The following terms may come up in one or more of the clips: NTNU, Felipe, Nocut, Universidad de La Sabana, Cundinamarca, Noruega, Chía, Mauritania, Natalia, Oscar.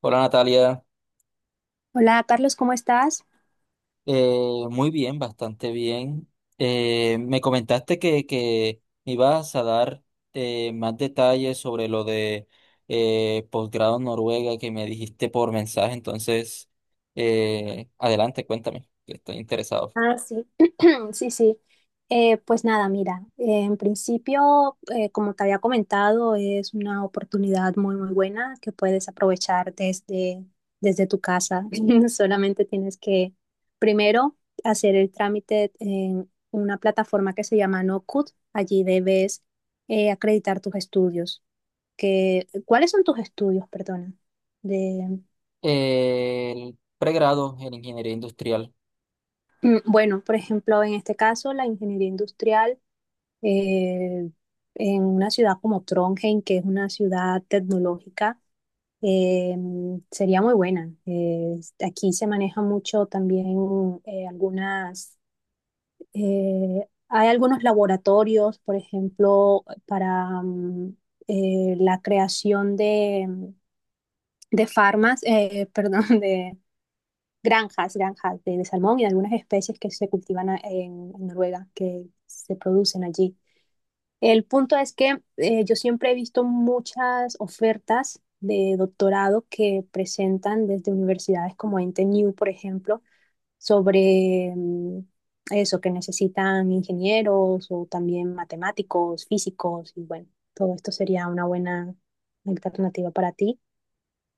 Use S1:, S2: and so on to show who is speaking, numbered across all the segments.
S1: Hola Natalia.
S2: Hola Carlos, ¿cómo estás?
S1: Muy bien, bastante bien. Me comentaste que me ibas a dar más detalles sobre lo de posgrado en Noruega que me dijiste por mensaje. Entonces, adelante, cuéntame, que estoy interesado.
S2: Ah, sí, sí, sí. Pues nada, mira, en principio, como te había comentado, es una oportunidad muy buena que puedes aprovechar desde tu casa. Solamente tienes que primero hacer el trámite en una plataforma que se llama Nocut. Allí debes acreditar tus estudios. Que, ¿cuáles son tus estudios, perdona?
S1: El pregrado en ingeniería industrial.
S2: Mm, bueno, por ejemplo, en este caso, la ingeniería industrial eh, en una ciudad como Trondheim, que es una ciudad tecnológica, eh, sería muy buena. Aquí se maneja mucho también eh, algunas, hay algunos laboratorios, por ejemplo, para la creación de farmas, perdón, granjas de salmón y de algunas especies que en Noruega, que se producen allí. El punto es que yo siempre he visto muchas ofertas de doctorado que presentan desde universidades como NTNU, por ejemplo, sobre eso, que necesitan ingenieros o también matemáticos, físicos, y bueno, todo esto sería una buena alternativa para ti.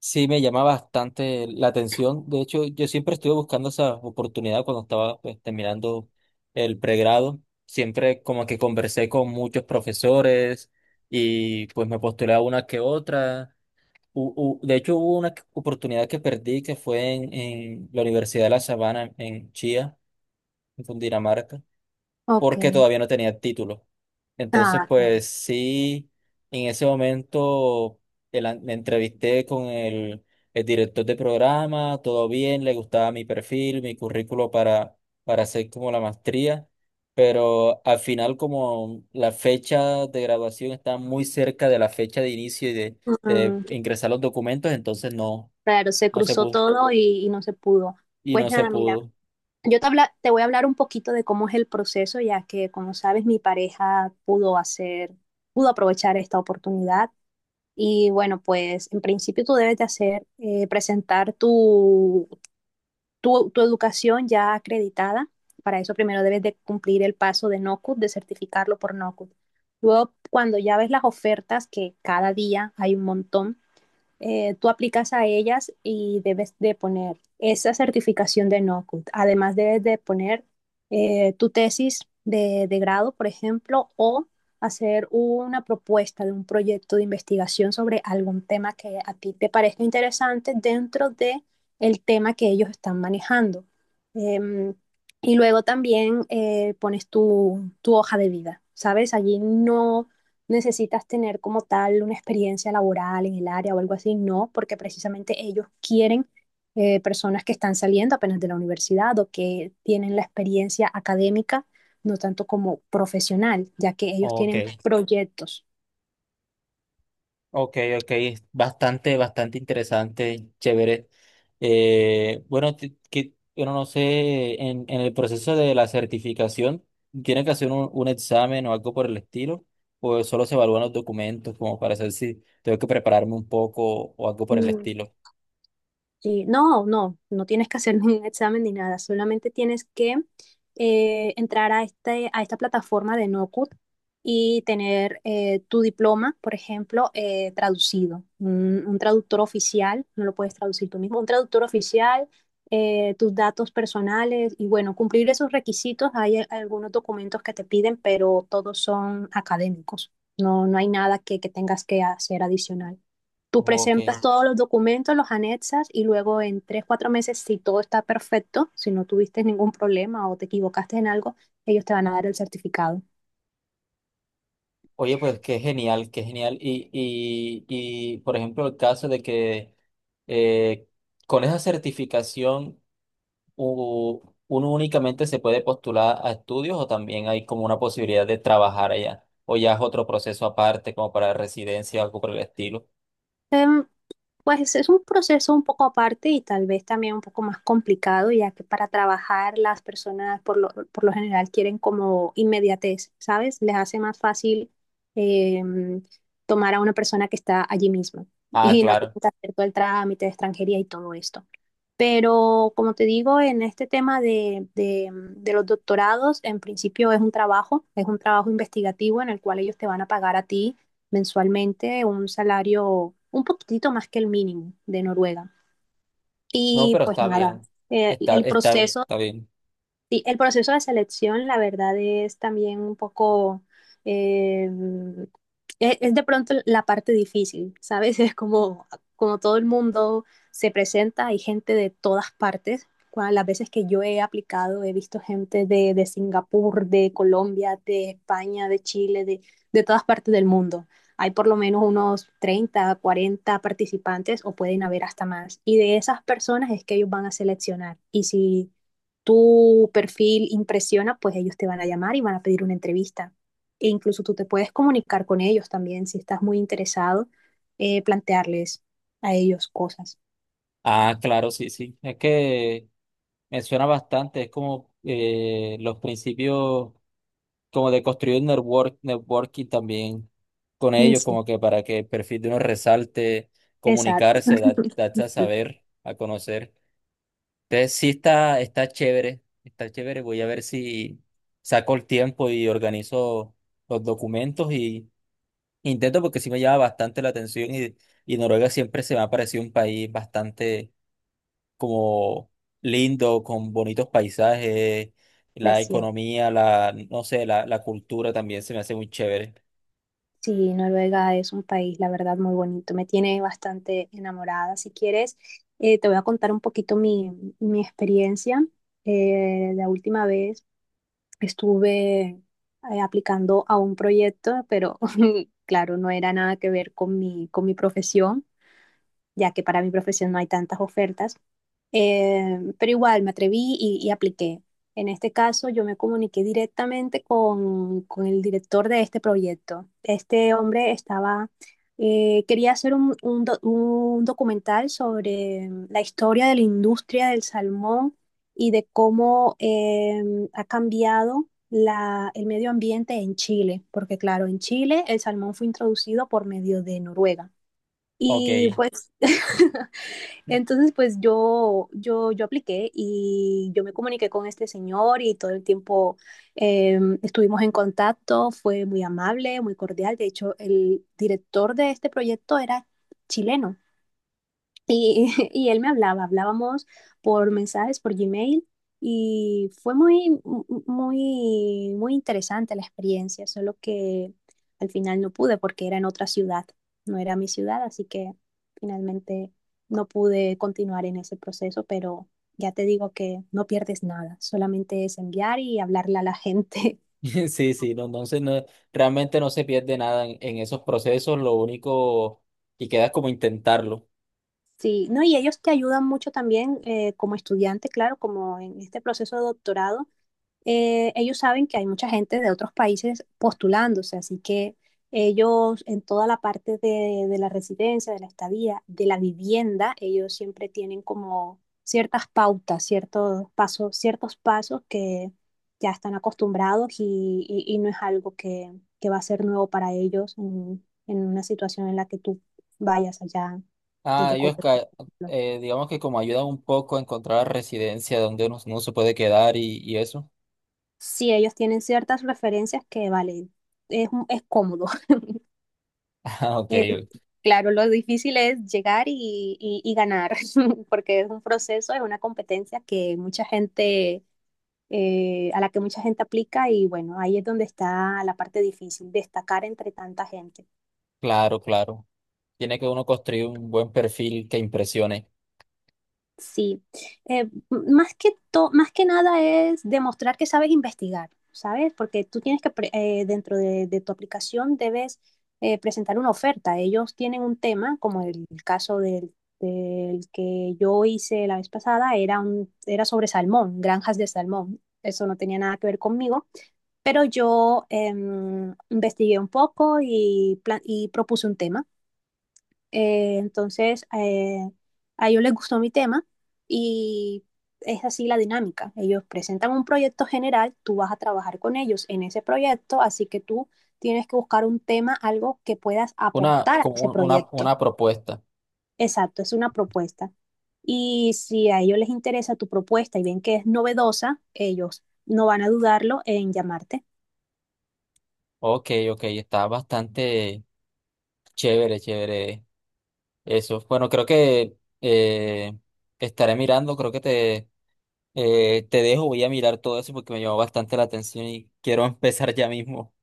S1: Sí, me llama bastante la atención. De hecho, yo siempre estuve buscando esa oportunidad cuando estaba, pues, terminando el pregrado. Siempre como que conversé con muchos profesores y pues me postulé a una que otra. De hecho, hubo oportunidad que perdí que fue en la Universidad de La Sabana en Chía, en Cundinamarca,
S2: Ok.
S1: porque todavía no tenía título. Entonces,
S2: Ah, claro.
S1: pues sí, en ese momento me entrevisté con el director de programa. Todo bien, le gustaba mi perfil, mi currículo para hacer como la maestría, pero al final, como la fecha de graduación está muy cerca de la fecha de inicio y de
S2: Mm,
S1: ingresar los documentos, entonces no,
S2: claro, se
S1: no se
S2: cruzó
S1: pudo
S2: todo y no se pudo.
S1: y
S2: Pues
S1: no se
S2: nada, mira,
S1: pudo.
S2: te voy a hablar un poquito de cómo es el proceso, ya que como sabes, mi pareja pudo hacer, pudo aprovechar esta oportunidad. Y bueno, pues en principio tú debes de hacer, presentar tu educación ya acreditada. Para eso primero debes de cumplir el paso de NOCUT, de certificarlo por NOCUT. Luego, cuando ya ves las ofertas, que cada día hay un montón, tú aplicas a ellas y debes de poner esa certificación de NOCUT. Además debes de poner tu tesis de grado, por ejemplo, o hacer una propuesta de un proyecto de investigación sobre algún tema que a ti te parezca interesante dentro de el tema que ellos están manejando. Eh, y luego también pones tu hoja de vida, ¿sabes? Allí no, necesitas tener como tal una experiencia laboral en el área o algo así, no, porque precisamente ellos quieren personas que están saliendo apenas de la universidad o que tienen la experiencia académica, no tanto como profesional, ya que ellos tienen
S1: Ok.
S2: proyectos.
S1: Ok, ok, es bastante, bastante interesante, chévere. Bueno, no sé, en el proceso de la certificación, ¿tienen que hacer un examen o algo por el estilo? ¿O solo se evalúan los documentos como para saber si tengo que prepararme un poco o algo por el
S2: Mm,
S1: estilo?
S2: sí, no tienes que hacer ningún examen ni nada, solamente tienes que entrar a esta plataforma de NoCut y tener tu diploma, por ejemplo, traducido. Un traductor oficial, no lo puedes traducir tú mismo, un traductor oficial, tus datos personales y bueno, cumplir esos requisitos. Hay algunos documentos que te piden, pero todos son académicos. No, no hay nada que, que tengas que hacer adicional. Tú
S1: Ok.
S2: presentas todos los documentos, los anexas y luego en 3, 4 meses, si todo está perfecto, si no tuviste ningún problema o te equivocaste en algo, ellos te van a dar el certificado.
S1: Oye, pues qué genial, qué genial. Y por ejemplo, el caso de que eh, con esa certificación u- uno únicamente se puede postular a estudios, ¿o también hay como una posibilidad de trabajar allá? ¿O ya es otro proceso aparte, como para residencia o algo por el estilo?
S2: Em, pues es un proceso un poco aparte y tal vez también un poco más complicado, ya que para trabajar las personas por lo general quieren como inmediatez, ¿sabes? Les hace más fácil em, tomar a una persona que está allí misma
S1: Ah,
S2: y no tienen
S1: claro.
S2: que hacer todo el trámite de extranjería y todo esto. Pero como te digo, en este tema de de los doctorados, en principio es un trabajo investigativo en el cual ellos te van a pagar a ti mensualmente un salario un poquitito más que el mínimo de Noruega.
S1: No,
S2: Y
S1: pero
S2: pues
S1: está
S2: nada,
S1: bien. Está,
S2: el
S1: está,
S2: proceso
S1: está bien.
S2: Sí, el proceso de selección, la verdad, es también un poco, eh, es de pronto la parte difícil, ¿sabes? Es como, como todo el mundo se presenta, hay gente de todas partes. Las veces que yo he aplicado, he visto gente de Singapur, de Colombia, de España, de Chile, de todas partes del mundo. Hay por lo menos unos 30, 40 participantes o pueden haber hasta más. Y de esas personas es que ellos van a seleccionar. Y si tu perfil impresiona, pues ellos te van a llamar y van a pedir una entrevista. E incluso tú te puedes comunicar con ellos también si estás muy interesado, plantearles a ellos cosas.
S1: Ah, claro, sí, sí. Es que me suena bastante. Es como los principios como de construir network, networking también con
S2: Mm,
S1: ellos,
S2: sí,
S1: como que para que el perfil de uno resalte,
S2: exacto.
S1: comunicarse, darse a
S2: Sí,
S1: saber, a conocer. Entonces sí está, está chévere, está chévere. Voy a ver si saco el tiempo y organizo los documentos y intento, porque sí me llama bastante la atención, y Noruega siempre se me ha parecido un país bastante como lindo, con bonitos paisajes, la
S2: precioso.
S1: economía, la, no sé, la cultura también se me hace muy chévere.
S2: Sí, Noruega es un país, la verdad, muy bonito. Me tiene bastante enamorada. Si quieres, te voy a contar un poquito mi, mi experiencia. La última vez. Estuve aplicando a un proyecto, pero claro, no era nada que ver con mi profesión, ya que para mi profesión no hay tantas ofertas. Pero igual me atreví y apliqué. En este caso, yo me comuniqué directamente con el director de este proyecto. Este hombre estaba, quería hacer un documental sobre la historia de la industria del salmón y de cómo ha cambiado el medio ambiente en Chile, porque claro, en Chile el salmón fue introducido por medio de Noruega.
S1: Ok.
S2: Y pues Entonces, pues yo apliqué y yo me comuniqué con este señor y todo el tiempo estuvimos en contacto, fue muy amable, muy cordial. De hecho, el director de este proyecto era chileno. Y, y él me hablaba, hablábamos por mensajes, por Gmail, y fue muy, muy interesante la experiencia, solo que al final no pude porque era en otra ciudad, no era mi ciudad, así que finalmente no pude continuar en ese proceso, pero ya te digo que no pierdes nada, solamente es enviar y hablarle a la gente.
S1: Sí, sí, no, entonces no, realmente no se pierde nada en esos procesos. Lo único que queda es como intentarlo.
S2: Sí, no, y ellos te ayudan mucho también como estudiante, claro, como en este proceso de doctorado ellos saben que hay mucha gente de otros países postulándose, así que ellos en toda la parte de la residencia, de la estadía, de la vivienda, ellos siempre tienen como ciertas pautas, ciertos pasos que ya están acostumbrados y y no es algo que va a ser nuevo para ellos en una situación en la que tú vayas allá
S1: Ah,
S2: desde
S1: y
S2: Colombia, por
S1: Oscar,
S2: ejemplo.
S1: digamos que como ayuda un poco a encontrar residencia donde uno se puede quedar, y eso.
S2: Sí, ellos tienen ciertas referencias que, vale, es cómodo.
S1: Ah, ok,
S2: Claro, lo difícil es llegar y ganar, porque es un proceso, es una competencia que mucha gente, a la que mucha gente aplica y bueno, ahí es donde está la parte difícil, destacar entre tanta gente.
S1: claro, claro. Tiene que uno construir un buen perfil que impresione.
S2: Sí, más que nada es demostrar que sabes investigar, ¿sabes? Porque tú tienes que dentro de tu aplicación, debes presentar una oferta. Ellos tienen un tema, como el caso del que yo hice la vez pasada, era sobre salmón, granjas de salmón. Eso no tenía nada que ver conmigo, pero yo investigué un poco y propuse un tema. Entonces, a ellos les gustó mi tema y es así la dinámica. Ellos presentan un proyecto general, tú vas a trabajar con ellos en ese proyecto, así que tú tienes que buscar un tema, algo que puedas
S1: Una,
S2: aportar a
S1: como
S2: ese
S1: un- una,
S2: proyecto.
S1: una propuesta.
S2: Exacto, es una propuesta. Y si a ellos les interesa tu propuesta y ven que es novedosa, ellos no van a dudarlo en llamarte.
S1: Ok, ok, está bastante chévere, chévere eso. Bueno, creo que eh, estaré mirando. Creo que te, te dejo, voy a mirar todo eso porque me llamó bastante la atención y quiero empezar ya mismo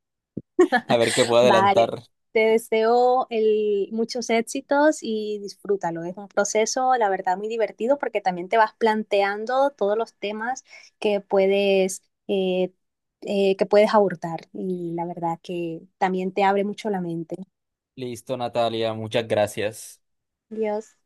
S1: a ver qué puedo
S2: Vale,
S1: adelantar.
S2: te deseo muchos éxitos y disfrútalo. Es un proceso, la verdad, muy divertido porque también te vas planteando todos los temas que puedes, eh, que puedes abordar y la verdad que también te abre mucho la mente.
S1: Listo, Natalia, muchas gracias.
S2: Dios.